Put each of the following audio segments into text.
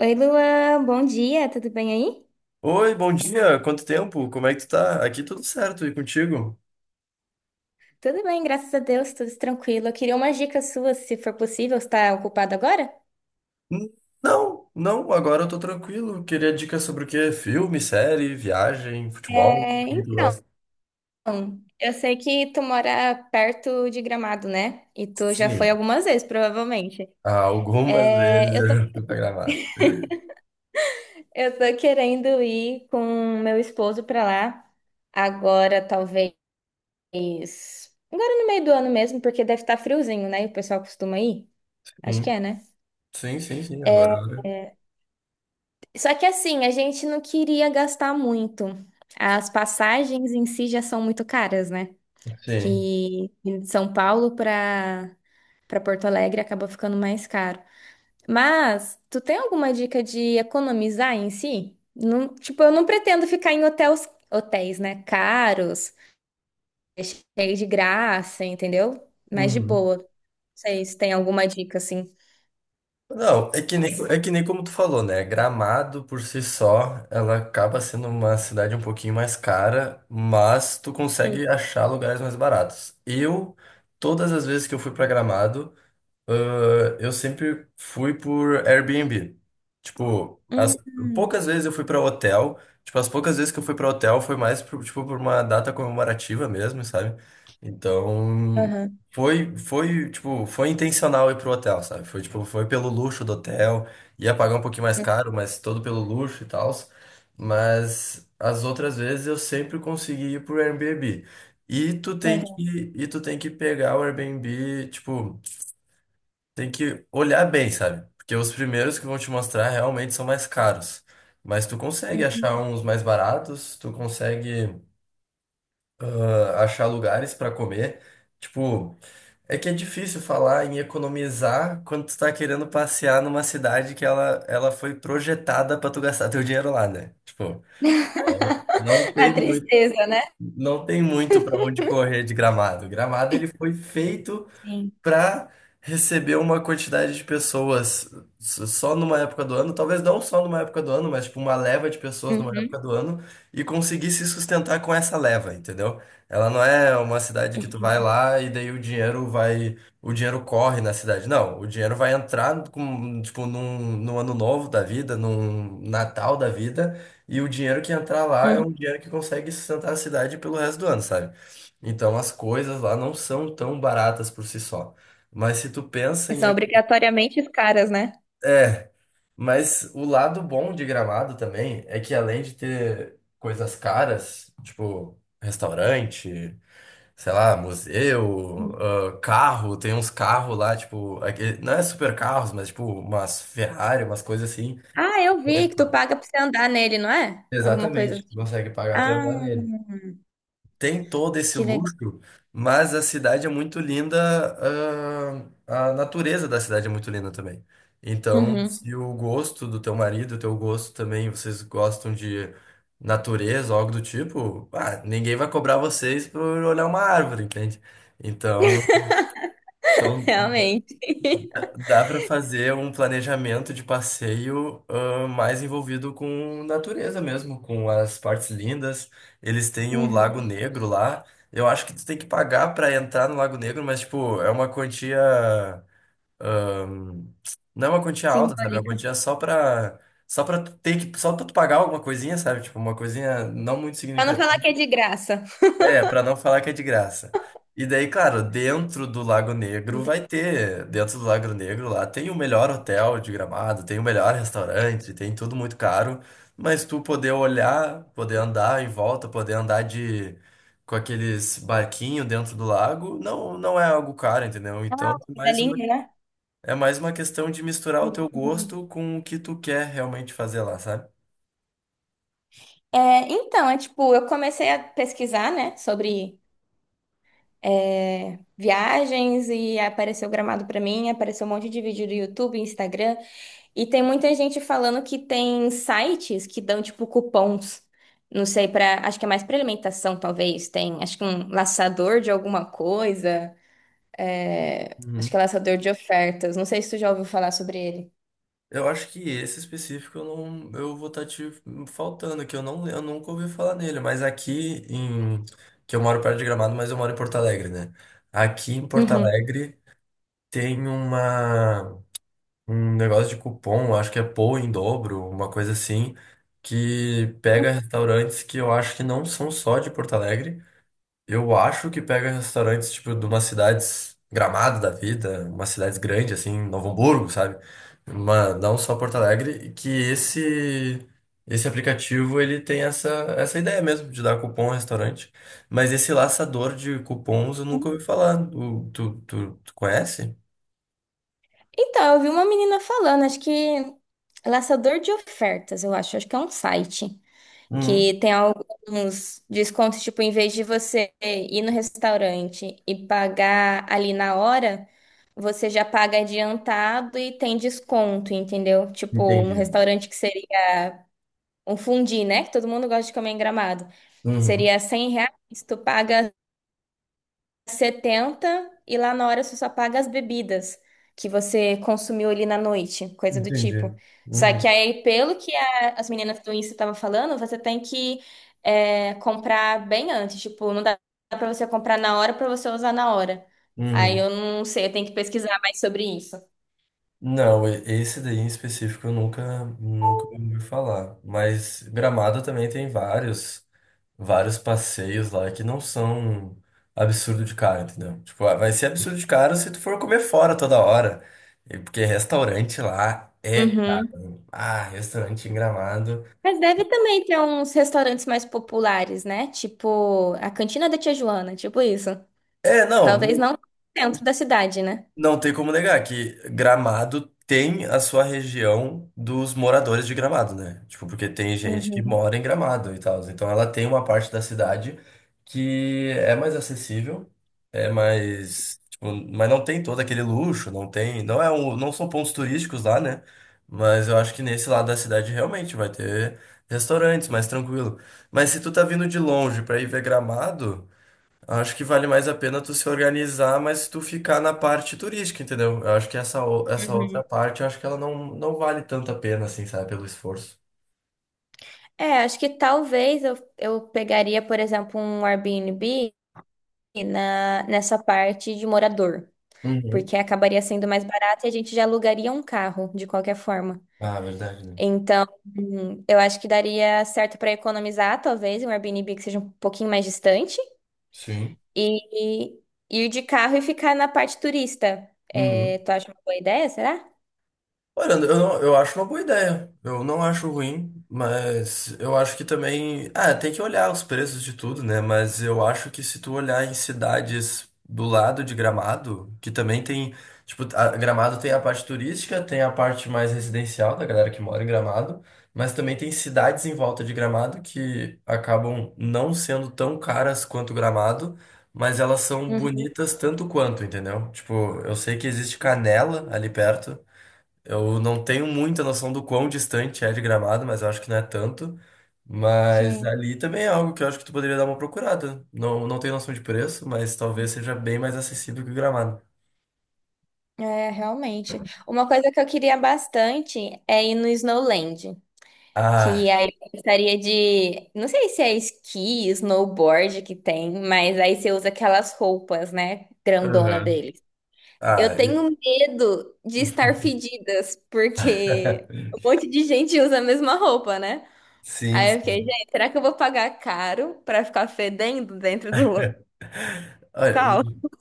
Oi, Luan, bom dia, tudo bem aí? Oi, bom dia. Quanto tempo? Como é que tu tá? Aqui tudo certo e contigo? Tudo bem, graças a Deus, tudo tranquilo. Eu queria umas dicas suas, se for possível, você está ocupado agora? Hum, não, agora eu tô tranquilo. Queria dicas sobre o quê? Filme, série, viagem, futebol? O É, que tu então, gosta? eu sei que tu mora perto de Gramado, né? E tu já foi Sim, algumas vezes, provavelmente. algumas É, vezes eu eu tô, já fui pra Gramado. eu tô querendo ir com meu esposo pra lá agora, talvez. Agora no meio do ano mesmo, porque deve estar friozinho, né? E o pessoal costuma ir. Acho que Sim, é, né? sim, sim, sim, É, agora. só que assim, a gente não queria gastar muito. As passagens em si já são muito caras, né? Sim. Que de São Paulo para Porto Alegre acaba ficando mais caro. Mas tu tem alguma dica de economizar em si? Tipo, eu não pretendo ficar em hotéis, hotéis, né? Caros, cheio de graça, entendeu? Mas de Uhum. boa. Não sei se tem alguma dica assim. Não, é que nem, como tu falou, né? Gramado por si só, ela acaba sendo uma cidade um pouquinho mais cara, mas tu Hum. consegue achar lugares mais baratos. Todas as vezes que eu fui pra Gramado, eu sempre fui por Airbnb. Tipo, as Hum, hum. poucas vezes eu fui pra hotel. Tipo, as poucas vezes que eu fui pra hotel foi mais por, tipo, por uma data comemorativa mesmo, sabe? Então, Aham, foi, tipo, foi intencional ir pro hotel, sabe? Foi, tipo, foi pelo luxo do hotel. Ia pagar um pouquinho mais hum, caro, mas todo pelo luxo e tal. Mas as outras vezes eu sempre consegui ir pro Airbnb. Aham, E tu tem que pegar o Airbnb, tipo. Tem que olhar bem, sabe? Porque os primeiros que vão te mostrar realmente são mais caros. Mas tu consegue achar uhum. uns mais baratos, tu consegue achar lugares para comer. Tipo, é que é difícil falar em economizar quando tu tá querendo passear numa cidade que ela foi projetada para tu gastar teu dinheiro lá, né? Tipo, não A tem muito, tristeza, né? não tem muito para onde correr de Gramado. Gramado ele foi feito Sim. para receber uma quantidade de pessoas só numa época do ano, talvez não só numa época do ano, mas tipo uma leva de pessoas numa época Uhum. do ano e conseguir se sustentar com essa leva, entendeu? Ela não é uma cidade que tu vai lá e daí o dinheiro vai, o dinheiro corre na cidade. Não, o dinheiro vai entrar com, tipo num ano novo da vida, num Natal da vida. E o dinheiro que entrar lá é Uhum. um dinheiro que consegue sustentar a cidade pelo resto do ano, sabe? Então as coisas lá não são tão baratas por si só. Mas se tu pensa E em. são obrigatoriamente caras, né? É, mas o lado bom de Gramado também é que além de ter coisas caras, tipo restaurante, sei lá, museu, ah, carro, tem uns carros lá, tipo, não é super carros, mas tipo umas Ferrari, umas coisas assim. Ah, eu vi que tu Pagar. paga pra você andar nele, não é? Alguma coisa Exatamente, assim. consegue pagar pra Ah, andar nele. Tem todo esse que legal. luxo, mas a cidade é muito linda, a natureza da cidade é muito linda também. Então, Uhum. se o gosto do teu marido, o teu gosto também, vocês gostam de natureza, algo do tipo, ninguém vai cobrar vocês por olhar uma árvore, entende? Então, então, Realmente. dá para fazer um planejamento de passeio, mais envolvido com natureza mesmo, com as partes lindas. Eles têm o Lago Uhum. Negro lá. Eu acho que tu tem que pagar para entrar no Lago Negro, mas tipo, é uma quantia, não é uma quantia alta, sabe? É uma Simbólica. quantia só para só para ter que só pra tu pagar alguma coisinha, sabe? Tipo, uma coisinha não muito Pra não falar que é de graça. é, pra não falar que é de graça. E daí, claro, Entendi. Dentro do Lago Negro lá tem o melhor hotel de Gramado, tem o melhor restaurante, tem tudo muito caro, mas tu poder olhar, poder andar em volta, poder andar de com aqueles barquinhos dentro do lago, não é algo caro, entendeu? Então, Ah, o fio da linha, né? é mais uma questão de misturar o teu Uhum. gosto com o que tu quer realmente fazer lá, sabe? É, então, é tipo, eu comecei a pesquisar, né, sobre é, viagens e apareceu Gramado pra mim, apareceu um monte de vídeo do YouTube, Instagram, e tem muita gente falando que tem sites que dão tipo cupons, não sei pra. Acho que é mais pra alimentação talvez, tem acho que um laçador de alguma coisa, é, acho que é laçador de ofertas, não sei se tu já ouviu falar sobre ele. Eu acho que esse específico eu não, eu vou estar te faltando, que eu não, eu nunca ouvi falar nele, mas que eu moro perto de Gramado, mas eu moro em Porto Alegre, né? Aqui em Porto Ah, Uhum. Alegre tem uma, um negócio de cupom, acho que é Pou em dobro, uma coisa assim, que pega restaurantes que eu acho que não são só de Porto Alegre, eu acho que pega restaurantes, tipo, de umas cidades Gramado da vida, umas cidades grandes, assim, Novo Hamburgo, sabe? Uma, não só Porto Alegre, e que esse aplicativo, essa ideia mesmo, de dar cupom ao restaurante. Mas esse laçador de cupons eu nunca ouvi falar. Tu conhece? Então, eu vi uma menina falando, acho que é laçador de ofertas, eu acho, acho que é um site Uhum. que tem alguns descontos, tipo, em vez de você ir no restaurante e pagar ali na hora, você já paga adiantado e tem desconto, entendeu? Tipo, um Entendi. restaurante que seria um fundi, né? Que todo mundo gosta de comer em Gramado. Uhum. Seria R$ 100, tu paga 70 e lá na hora você só paga as bebidas que você consumiu ali na noite, coisa do Entendi. tipo. Só que Uhum. aí, pelo que as meninas do Insta estavam falando, você tem que é, comprar bem antes. Tipo, não dá pra você comprar na hora pra você usar na hora. Aí Uhum. eu não sei, eu tenho que pesquisar mais sobre isso. Não, esse daí em específico eu nunca, nunca ouvi falar. Mas Gramado também tem vários, vários passeios lá que não são absurdo de caro, entendeu? Tipo, ah, vai ser absurdo de caro se tu for comer fora toda hora. E porque restaurante lá é Uhum. caro. Ah, restaurante em Gramado. Mas deve também ter uns restaurantes mais populares, né? Tipo, a Cantina da Tia Joana, tipo isso. É, não. Talvez não dentro da cidade, né? Não tem como negar que Gramado tem a sua região dos moradores de Gramado, né? Tipo, porque tem gente que Uhum. mora em Gramado e tal. Então ela tem uma parte da cidade que é mais acessível, é mais, tipo, mas não tem todo aquele luxo, não tem, não são pontos turísticos lá, né? Mas eu acho que nesse lado da cidade realmente vai ter restaurantes mais tranquilo. Mas se tu tá vindo de longe pra ir ver Gramado, acho que vale mais a pena tu se organizar, mas tu ficar na parte turística, entendeu? Eu acho que essa outra Uhum. parte, eu acho que ela não, não vale tanto a pena, assim, sabe? Pelo esforço. É, acho que talvez eu pegaria, por exemplo, um Airbnb nessa parte de morador, Uhum. porque acabaria sendo mais barato e a gente já alugaria um carro, de qualquer forma. Ah, verdade, né? Então, eu acho que daria certo para economizar, talvez, um Airbnb que seja um pouquinho mais distante Sim. e, e ir de carro e ficar na parte turista. É, Uhum. tu acha uma boa ideia, será? Olha, eu, não- eu acho uma boa ideia. Eu não acho ruim, mas eu acho que também. Ah, tem que olhar os preços de tudo, né? Mas eu acho que se tu olhar em cidades do lado de Gramado, que também tem. Tipo, Gramado tem a parte turística, tem a parte mais residencial da galera que mora em Gramado, mas também tem cidades em volta de Gramado que acabam não sendo tão caras quanto Gramado. Mas elas são Uhum. bonitas tanto quanto, entendeu? Tipo, eu sei que existe Canela ali perto, eu não tenho muita noção do quão distante é de Gramado, mas eu acho que não é tanto. Mas Sim. ali também é algo que eu acho que tu poderia dar uma procurada. Não, não tenho noção de preço, mas talvez seja bem mais acessível que o Gramado. É, realmente. Uma coisa que eu queria bastante é ir no Snowland, que Ah, aí eu gostaria de, não sei se é esqui, snowboard que tem, mas aí você usa aquelas roupas, né, grandona aham. deles. Eu Ah, tenho medo de estar fedidas, porque um monte de gente usa a mesma roupa, né? sim, Aí eu fiquei, sim. gente, será que eu vou pagar caro pra ficar fedendo dentro do local? Olha,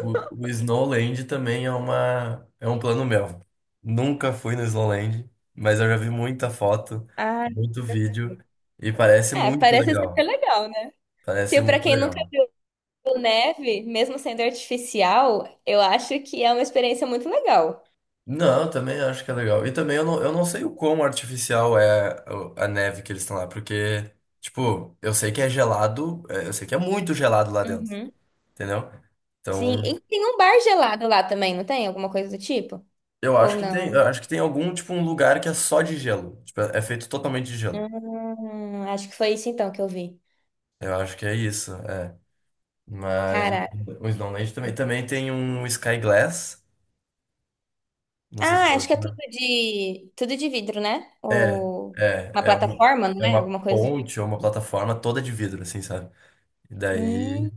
o Snowland também é uma, é um plano meu. Nunca fui no Snowland, mas eu já vi muita foto, Ah, muito vídeo, e parece é, muito parece super legal. legal, né? Parece Tipo, pra muito quem nunca. legal. O neve, mesmo sendo artificial, eu acho que é uma experiência muito legal. Não, eu também acho que é legal. E também eu não sei o quão artificial é a neve que eles estão lá, porque, tipo, eu sei que é gelado, é, eu sei que é muito gelado lá dentro, Uhum. entendeu? Sim, Então, e tem um bar gelado lá também, não tem? Alguma coisa do tipo? eu Ou acho que tem, eu não? acho que tem algum, tipo, um lugar que é só de gelo. Tipo, é feito totalmente de gelo. Acho que foi isso então que eu vi. Eu acho que é isso, é. Mas Cara, o Snowland também, também tem um Sky Glass, não sei se ah, acho eu... que é tudo de vidro, né? É, Ou é, uma é uma, plataforma, não é é? uma Alguma coisa do tipo. ponte ou uma plataforma toda de vidro, assim, sabe? E Hum. daí.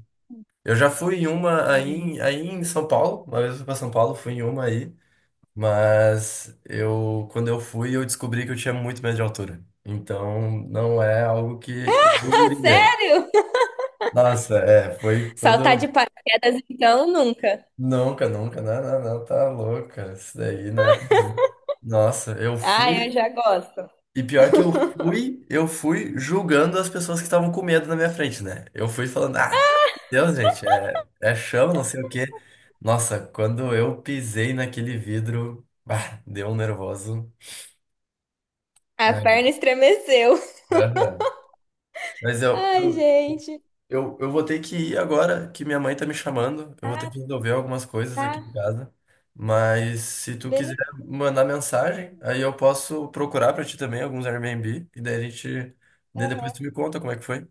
Eu já fui em uma aí, aí em São Paulo, uma vez eu fui pra São Paulo, fui em uma aí, mas eu, quando eu fui, eu descobri que eu tinha muito medo de altura. Então, não é algo que eu Ah, iria. sério? Nossa, é, foi Saltar de quando... paraquedas então nunca. Nunca, nunca, não, não, não, tá louca, isso daí não é pra mim. Nossa, eu Ah, eu fui já gosto. e pior que eu fui julgando as pessoas que estavam com medo na minha frente, né? Eu fui falando, ah, Deus, gente, é chão, não sei o quê. Nossa, quando eu pisei naquele vidro, bah, deu um nervoso. A É, perna estremeceu. aham. Mas Ai, gente. Eu vou ter que ir agora, que minha mãe tá me chamando. Eu vou ter Ah, que resolver algumas coisas aqui em tá. casa. Mas se tu quiser Beleza, mandar mensagem, aí eu posso procurar pra ti também alguns Airbnb. E daí a gente. Daí Depois tu me conta como é que foi.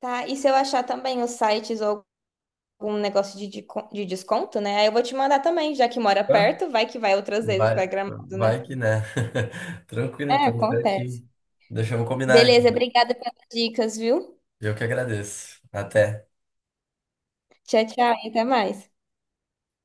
tá? E se eu achar também os sites ou algum negócio de desconto, né? Aí eu vou te mandar também, já que mora Tá? perto, vai que vai outras vezes pra Vai, Gramado, vai né? que né. Tranquilo, É, então, acontece. certinho. Deixamos combinar, Beleza, então. obrigada pelas dicas, viu? Eu que agradeço. Até. Tchau, tchau e até mais.